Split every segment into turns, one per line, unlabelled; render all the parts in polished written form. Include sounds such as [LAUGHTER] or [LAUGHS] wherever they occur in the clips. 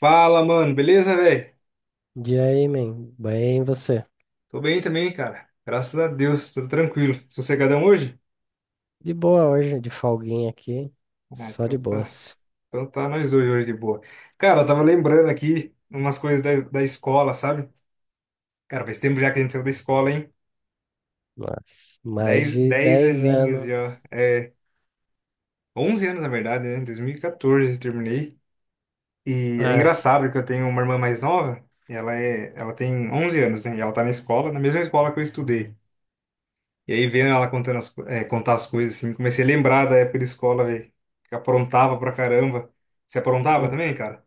Fala, mano, beleza, velho?
E aí, man? Bem, e você?
Tô bem também, cara. Graças a Deus, tudo tranquilo. Sossegadão hoje?
De boa hoje, de folguinha aqui.
Ah,
Só de
então tá.
boas.
Então tá nós dois hoje de boa. Cara, eu tava lembrando aqui umas coisas da escola, sabe? Cara, faz tempo já que a gente saiu da escola, hein?
Nossa, mais
Dez,
de
dez
10
aninhos já.
anos.
É, 11 anos, na verdade, né? 2014 eu terminei. E é
Ah,
engraçado que eu tenho uma irmã mais nova, e ela tem 11 anos, né? E ela tá na escola, na mesma escola que eu estudei. E aí, vendo ela contando as, co- eh, contar as coisas, assim, comecei a lembrar da época de escola, velho. Que aprontava pra caramba. Você aprontava
hum,
também, cara?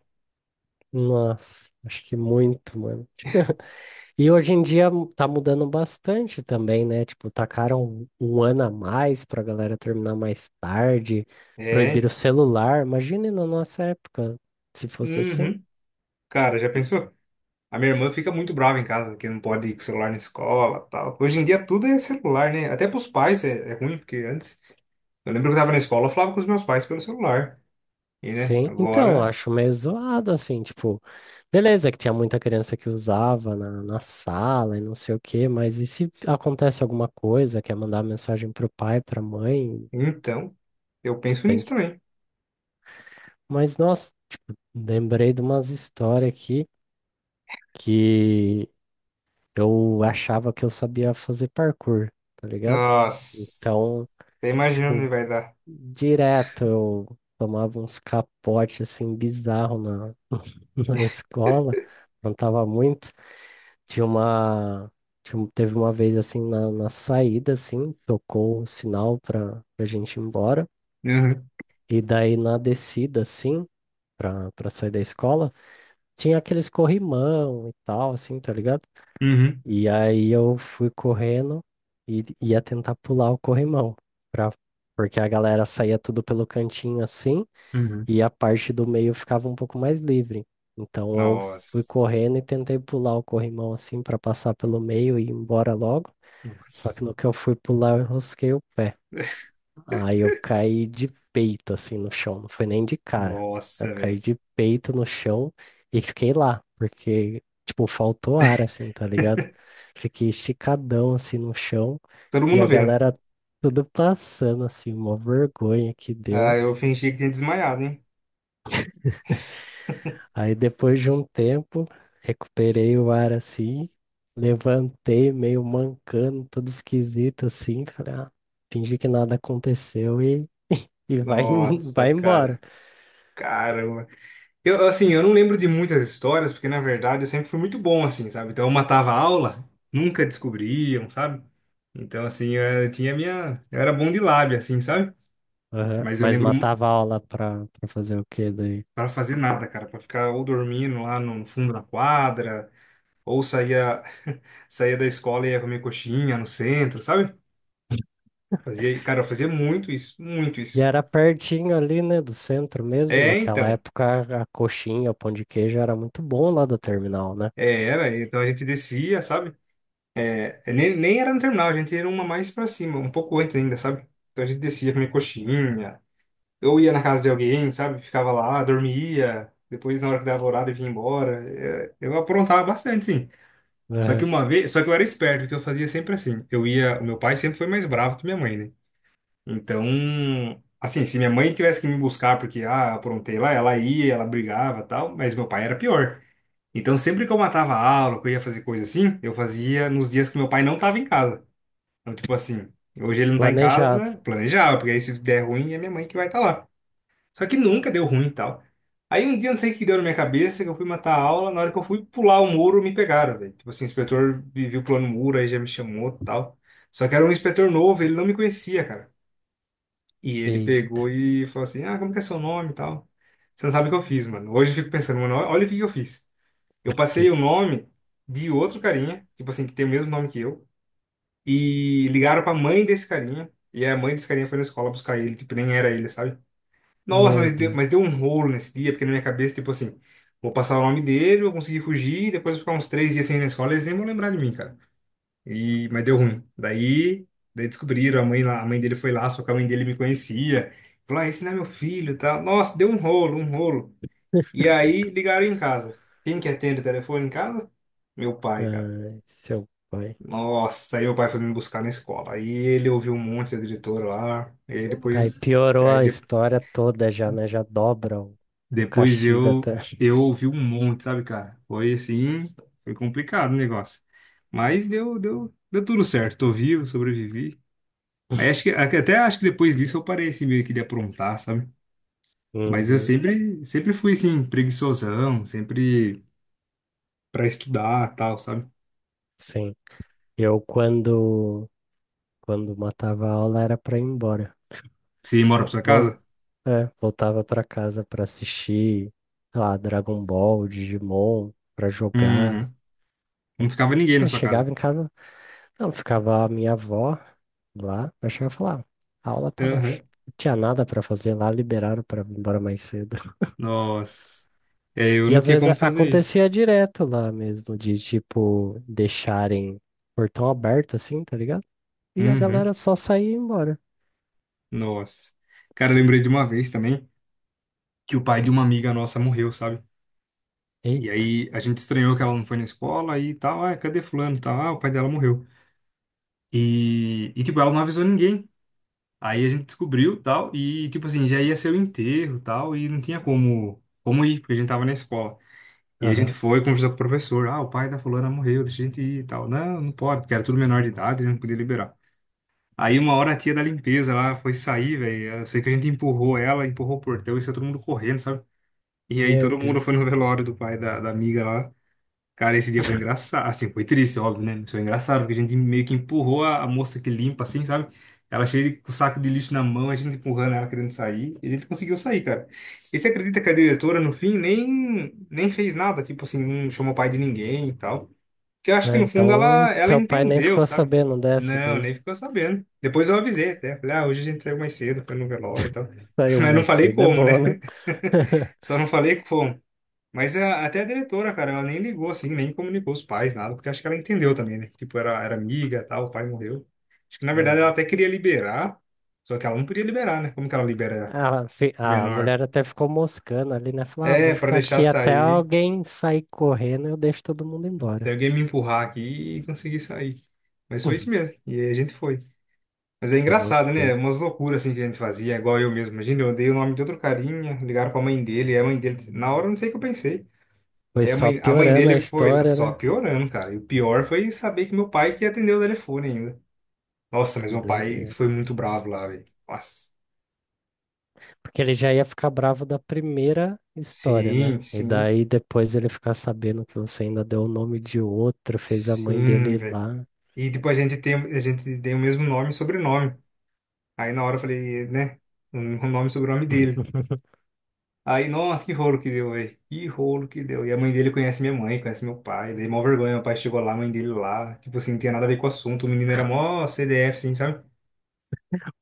nossa, acho que muito, mano. [LAUGHS] E hoje em dia tá mudando bastante também, né? Tipo, tacaram um ano a mais pra galera terminar mais tarde,
É,
proibiram o
então.
celular. Imagine na nossa época, se fosse assim.
Uhum. Cara, já pensou? A minha irmã fica muito brava em casa, que não pode ir com celular na escola, tal. Hoje em dia tudo é celular, né? Até pros pais é ruim, porque antes... Eu lembro que eu tava na escola, eu falava com os meus pais pelo celular. E, né,
Sim, então,
agora...
acho meio zoado, assim, tipo, beleza que tinha muita criança que usava na sala e não sei o quê, mas e se acontece alguma coisa, quer mandar mensagem pro pai, pra mãe,
Então, eu penso
tem
nisso
que...
também.
Mas, nossa, lembrei de umas histórias aqui que eu achava que eu sabia fazer parkour, tá ligado?
Nossa,
Então,
até imagino onde
tipo,
vai dar.
direto eu tomava uns capotes, assim, bizarro na, [LAUGHS] na escola, não tava muito. Tinha uma. Tinha um- Teve uma vez assim na saída, assim, tocou o sinal pra gente ir embora.
Uhum.
E daí na descida, assim, pra sair da escola, tinha aqueles corrimão e tal, assim, tá ligado?
Uhum.
E aí eu fui correndo e ia tentar pular o corrimão. Pra, porque a galera saía tudo pelo cantinho assim,
Uhum.
e a parte do meio ficava um pouco mais livre. Então eu fui
Nossa.
correndo e tentei pular o corrimão assim pra passar pelo meio e ir embora logo. Só
Nossa.
que no que eu fui pular, eu rosquei o pé. Aí eu caí de peito, assim, no chão. Não foi nem de cara. Eu
Nossa,
caí
velho.
de peito no chão e fiquei lá, porque, tipo, faltou ar, assim, tá ligado?
[LAUGHS]
Fiquei esticadão, assim, no chão
Todo
e
mundo
a
vendo.
galera tudo passando, assim, uma vergonha que
Ah,
deu.
eu fingi que tinha desmaiado, hein?
Aí depois de um tempo, recuperei o ar, assim, levantei meio mancando, todo esquisito, assim, falei, ah, fingi que nada aconteceu e vai, [LAUGHS]
Nossa,
vai embora.
cara. Caramba. Eu, assim, eu não lembro de muitas histórias, porque na verdade eu sempre fui muito bom, assim, sabe? Então eu matava a aula, nunca descobriam, sabe? Então, assim, eu, tinha minha. Eu era bom de lábia, assim, sabe?
Aham.
Mas eu
Mas
lembro
matava aula pra fazer o quê daí?
para fazer nada, cara, para ficar ou dormindo lá no fundo da quadra, ou saía da escola e ia comer coxinha no centro, sabe? Fazia, cara, eu fazia muito isso, muito
E
isso.
era pertinho ali, né, do centro mesmo.
É,
Naquela
então.
época, a coxinha, o pão de queijo era muito bom lá do terminal, né?
É, era. Então a gente descia, sabe? É, nem era no terminal, a gente era uma mais pra cima, um pouco antes ainda, sabe? Então a gente descia comer coxinha, eu ia na casa de alguém, sabe? Ficava lá, dormia, depois na hora que dava horário vinha embora. É, eu aprontava bastante, sim. Só que
Aham.
uma vez, só que eu era esperto, porque eu fazia sempre assim. Eu ia, o meu pai sempre foi mais bravo que minha mãe, né? Então, assim, se minha mãe tivesse que me buscar porque, ah, aprontei lá, ela ia, ela brigava e tal, mas meu pai era pior. Então, sempre que eu matava a aula, que eu ia fazer coisa assim, eu fazia nos dias que meu pai não estava em casa. Então, tipo assim, hoje ele não tá em
Planejado.
casa, planejava, porque aí se der ruim é minha mãe que vai estar lá. Só que nunca deu ruim e tal. Aí um dia, não sei o que deu na minha cabeça, que eu fui matar a aula, na hora que eu fui pular o muro, me pegaram, velho. Tipo assim, o inspetor me viu pulando o muro, aí já me chamou e tal. Só que era um inspetor novo, ele não me conhecia, cara. E ele
E
pegou e falou assim, ah, como que é seu nome e tal? Você não sabe o que eu fiz, mano. Hoje eu fico pensando, mano, olha o que que eu fiz. Eu passei
que...
o nome de outro carinha, tipo assim, que tem o mesmo nome que eu, e ligaram pra mãe desse carinha, e a mãe desse carinha foi na escola buscar ele, tipo, nem era ele, sabe? Nossa,
Meu
mas deu,
Deus.
mas deu um rolo nesse dia, porque na minha cabeça, tipo assim, vou passar o nome dele, vou conseguir fugir, depois vou ficar uns 3 dias sem ir na escola, eles nem vão lembrar de mim, cara. E, mas deu ruim. Daí descobriram, a mãe, a mãe dele foi lá, só que a mãe dele me conhecia. Falou, ah, esse não é meu filho, e tal. Nossa, deu um rolo, um rolo. E aí ligaram em casa. Quem que atende o telefone em casa? Meu pai, cara.
Ai, seu pai.
Nossa, aí meu pai foi me buscar na escola. Aí ele ouviu um monte da diretora lá. E aí
Aí
depois,
piorou
aí
a
de-
história toda já, né? Já dobra o
depois
castigo
eu
até.
eu ouvi um monte, sabe, cara? Foi assim, foi complicado o negócio. Mas deu tudo certo. Tô vivo, sobrevivi. Aí
[LAUGHS]
acho que depois disso eu parei assim meio que de aprontar, sabe? Mas eu
Uhum,
sempre fui assim preguiçosão, sempre pra estudar, tal, sabe?
sim. Eu quando matava a aula era para ir embora.
Você mora pra sua
Vou
casa?
É, voltava pra casa pra assistir, sei lá, Dragon Ball, Digimon, pra jogar.
Uhum. Não ficava ninguém na
Aí
sua casa.
chegava em casa, não, ficava a minha avó lá, eu chegava e falava, "Ah, a aula tava,
Aham.
não tinha nada pra fazer lá, liberaram pra ir embora mais cedo. [LAUGHS]
Nossa. É, eu
E
não
às
tinha
vezes
como fazer isso.
acontecia direto lá mesmo, de tipo, deixarem o portão aberto assim, tá ligado? E a galera
Uhum.
só saía e ia embora.
Nossa. Cara, eu lembrei de uma vez também que o pai de uma amiga nossa morreu, sabe?
Ei,
E aí a gente estranhou que ela não foi na escola e tal. Ah, cadê fulano? E tal. Ah, o pai dela morreu. E tipo, ela não avisou ninguém. Aí a gente descobriu tal. E tipo assim, já ia ser o enterro tal. E não tinha como ir, porque a gente tava na escola. E a gente
aham.
foi, conversou com o professor. Ah, o pai da fulana morreu, deixa a gente ir e tal. Não, não pode, porque era tudo menor de idade, não podia liberar. Aí uma hora a tia da limpeza lá foi sair, velho. Eu sei que a gente empurrou ela, empurrou o portão e saiu todo mundo correndo, sabe? E aí
Meu
todo mundo
Deus.
foi no velório do pai da amiga lá. Cara, esse dia foi engraçado. Assim, foi triste, óbvio, né? Mas foi engraçado, porque a gente meio que empurrou a moça que limpa, assim, sabe? Ela cheia de com o saco de lixo na mão, a gente empurrando ela querendo sair. E a gente conseguiu sair, cara. E você acredita que a diretora, no fim, nem fez nada? Tipo assim, não chamou pai de ninguém e tal. Porque eu acho que,
Ah,
no fundo,
então,
ela
seu pai nem
entendeu,
ficou
sabe?
sabendo dessa
Não,
daí.
nem ficou sabendo. Depois eu avisei até. Falei, ah, hoje a gente saiu mais cedo, foi no velório e tal. [LAUGHS]
Saiu
Mas não
mais
falei
cedo, é
como,
bom,
né?
né? [LAUGHS]
Só não falei como. Mas até a diretora, cara, ela nem ligou assim, nem comunicou os pais, nada, porque acho que ela entendeu também, né? Tipo, era amiga, tal, o pai morreu. Acho que na verdade ela
Uhum.
até queria liberar, só que ela não podia liberar, né? Como que ela libera
A, fi-
de
a
menor?
mulher até ficou moscando ali, né? Falou, ah,
É,
vou
pra
ficar
deixar
aqui até
sair,
alguém sair correndo, eu deixo todo mundo
tem
embora.
alguém me empurrar aqui e conseguir sair. Mas foi isso
[LAUGHS]
mesmo, e aí a gente foi. Mas é
Que
engraçado,
loucura.
né? Umas loucuras assim que a gente fazia, igual eu mesmo. Imagina, eu dei o nome de outro carinha, ligaram pra mãe dele, e a mãe dele, na hora eu não sei o que eu pensei.
Foi
Daí a
só
mãe, a mãe
piorando a
dele foi lá
história,
só
né?
piorando, cara. E o pior foi saber que meu pai que atendeu o telefone ainda. Nossa, mas
Que
meu pai
doideira.
foi muito bravo lá, velho. Nossa.
Porque ele já ia ficar bravo da primeira história, né?
Sim,
E
sim,
daí depois ele ficar sabendo que você ainda deu o nome de outro, fez a mãe dele
sim,
ir
velho.
lá.
E tipo, a gente tem o mesmo nome e sobrenome. Aí na hora eu falei, né? O nome e sobrenome dele.
[LAUGHS]
Aí, nossa, que rolo que deu, velho. Que rolo que deu. E a mãe dele conhece minha mãe, conhece meu pai. Daí, mó vergonha. Meu pai chegou lá, a mãe dele lá. Tipo assim, não tinha nada a ver com o assunto. O menino era mó CDF, assim, sabe?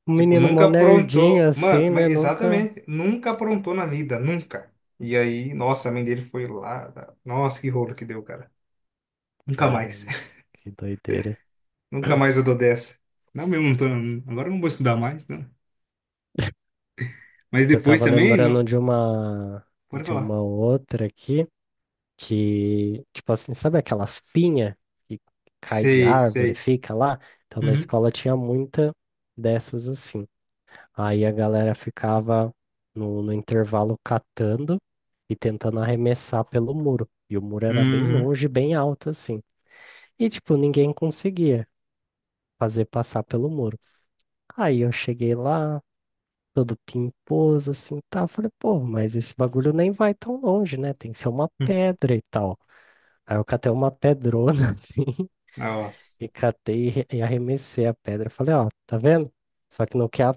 Um
Tipo,
menino
nunca
mó nerdinho
aprontou. Mano,
assim,
mas
né? Nunca.
exatamente, nunca aprontou na vida, nunca. E aí, nossa, a mãe dele foi lá. Tá? Nossa, que rolo que deu, cara. Nunca mais.
Caramba,
[LAUGHS]
que doideira.
Nunca mais eu dou dessa. Não, mesmo, não tô, agora eu não vou estudar mais, não. Mas
Eu
depois
tava
também, não...
lembrando de uma
Pode
de
falar.
uma outra aqui que, tipo assim, sabe aquelas pinhas que cai de
Sei,
árvore, e
sei.
fica lá? Então na
Uhum.
escola tinha muita dessas assim. Aí a galera ficava no, intervalo catando e tentando arremessar pelo muro. E o muro era bem
Uhum.
longe, bem alto assim. E tipo, ninguém conseguia fazer passar pelo muro. Aí eu cheguei lá, todo pimposo, assim, tá? Eu falei, pô, mas esse bagulho nem vai tão longe, né? Tem que ser uma
Hum.
pedra e tal. Aí eu catei uma pedrona, [LAUGHS] assim,
Nossa.
e catei e e arremessei a pedra. Falei, ó, tá vendo? Só que no que a,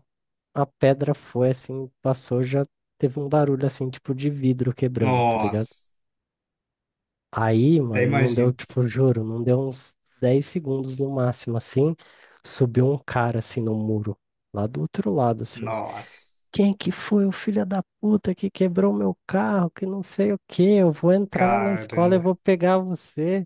a pedra foi, assim, passou, já teve um barulho, assim, tipo de vidro quebrando, tá ligado?
Nossa.
Aí,
Até
mano, não deu,
imagino.
tipo, juro, não deu uns 10 segundos no máximo, assim, subiu um cara, assim, no muro, lá do outro lado, assim.
Nossa.
Quem que foi o filho da puta que quebrou meu carro, que não sei o quê, eu vou entrar aí na escola e
Caramba.
vou pegar você.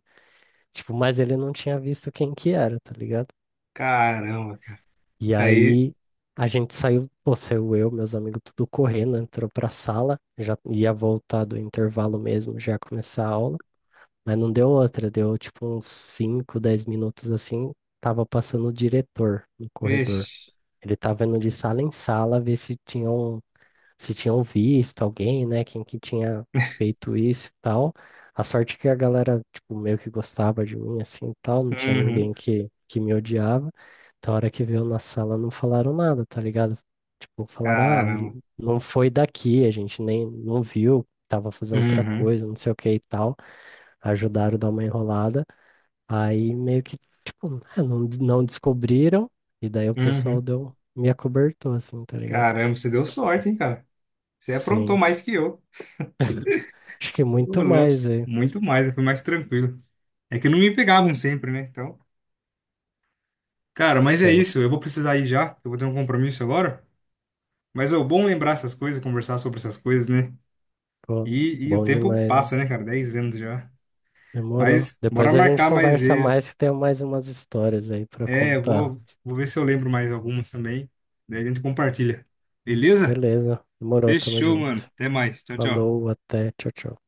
Tipo, mas ele não tinha visto quem que era, tá ligado?
Caramba, cara.
E
Aí,
aí a gente saiu, pô, saiu eu, meus amigos, tudo correndo, entrou pra sala, já ia voltar do intervalo mesmo, já ia começar a aula, mas não deu outra, deu tipo uns 5, 10 minutos assim, tava passando o diretor no corredor.
vixe.
Ele tava indo de sala em sala ver se tinham visto alguém, né? Quem que tinha feito isso e tal. A sorte que a galera, tipo, meio que gostava de mim, assim, e tal. Não tinha
Uhum.
ninguém que me odiava. Então, a hora que veio na sala, não falaram nada, tá ligado? Tipo, falaram, ah,
Caramba.
não foi daqui, a gente nem não viu, tava fazendo outra
Uhum.
coisa, não sei o que e tal. Ajudaram a dar uma enrolada. Aí, meio que, tipo, ah, não, não descobriram. E daí o pessoal
Uhum.
deu, me acobertou, assim, tá ligado?
Caramba, você deu sorte, hein, cara? Você aprontou
Sim.
mais que eu.
Acho que
Ô,
muito
louco.
mais aí.
Muito mais, eu fui mais tranquilo. É que não me pegavam sempre, né? Então, cara, mas é
Sim.
isso. Eu vou precisar ir já. Eu vou ter um compromisso agora. Mas é bom lembrar essas coisas, conversar sobre essas coisas, né?
Pô,
E o
bom
tempo
demais, né?
passa, né, cara? 10 anos já.
Demorou.
Mas bora
Depois a gente
marcar mais
conversa
vezes.
mais que tem mais umas histórias aí pra
É, eu
contar.
vou ver se eu lembro mais algumas também. Daí a gente compartilha. Beleza?
Beleza. Demorou, tamo
Fechou,
junto.
mano. Até mais. Tchau, tchau.
Falou, até. Tchau, tchau.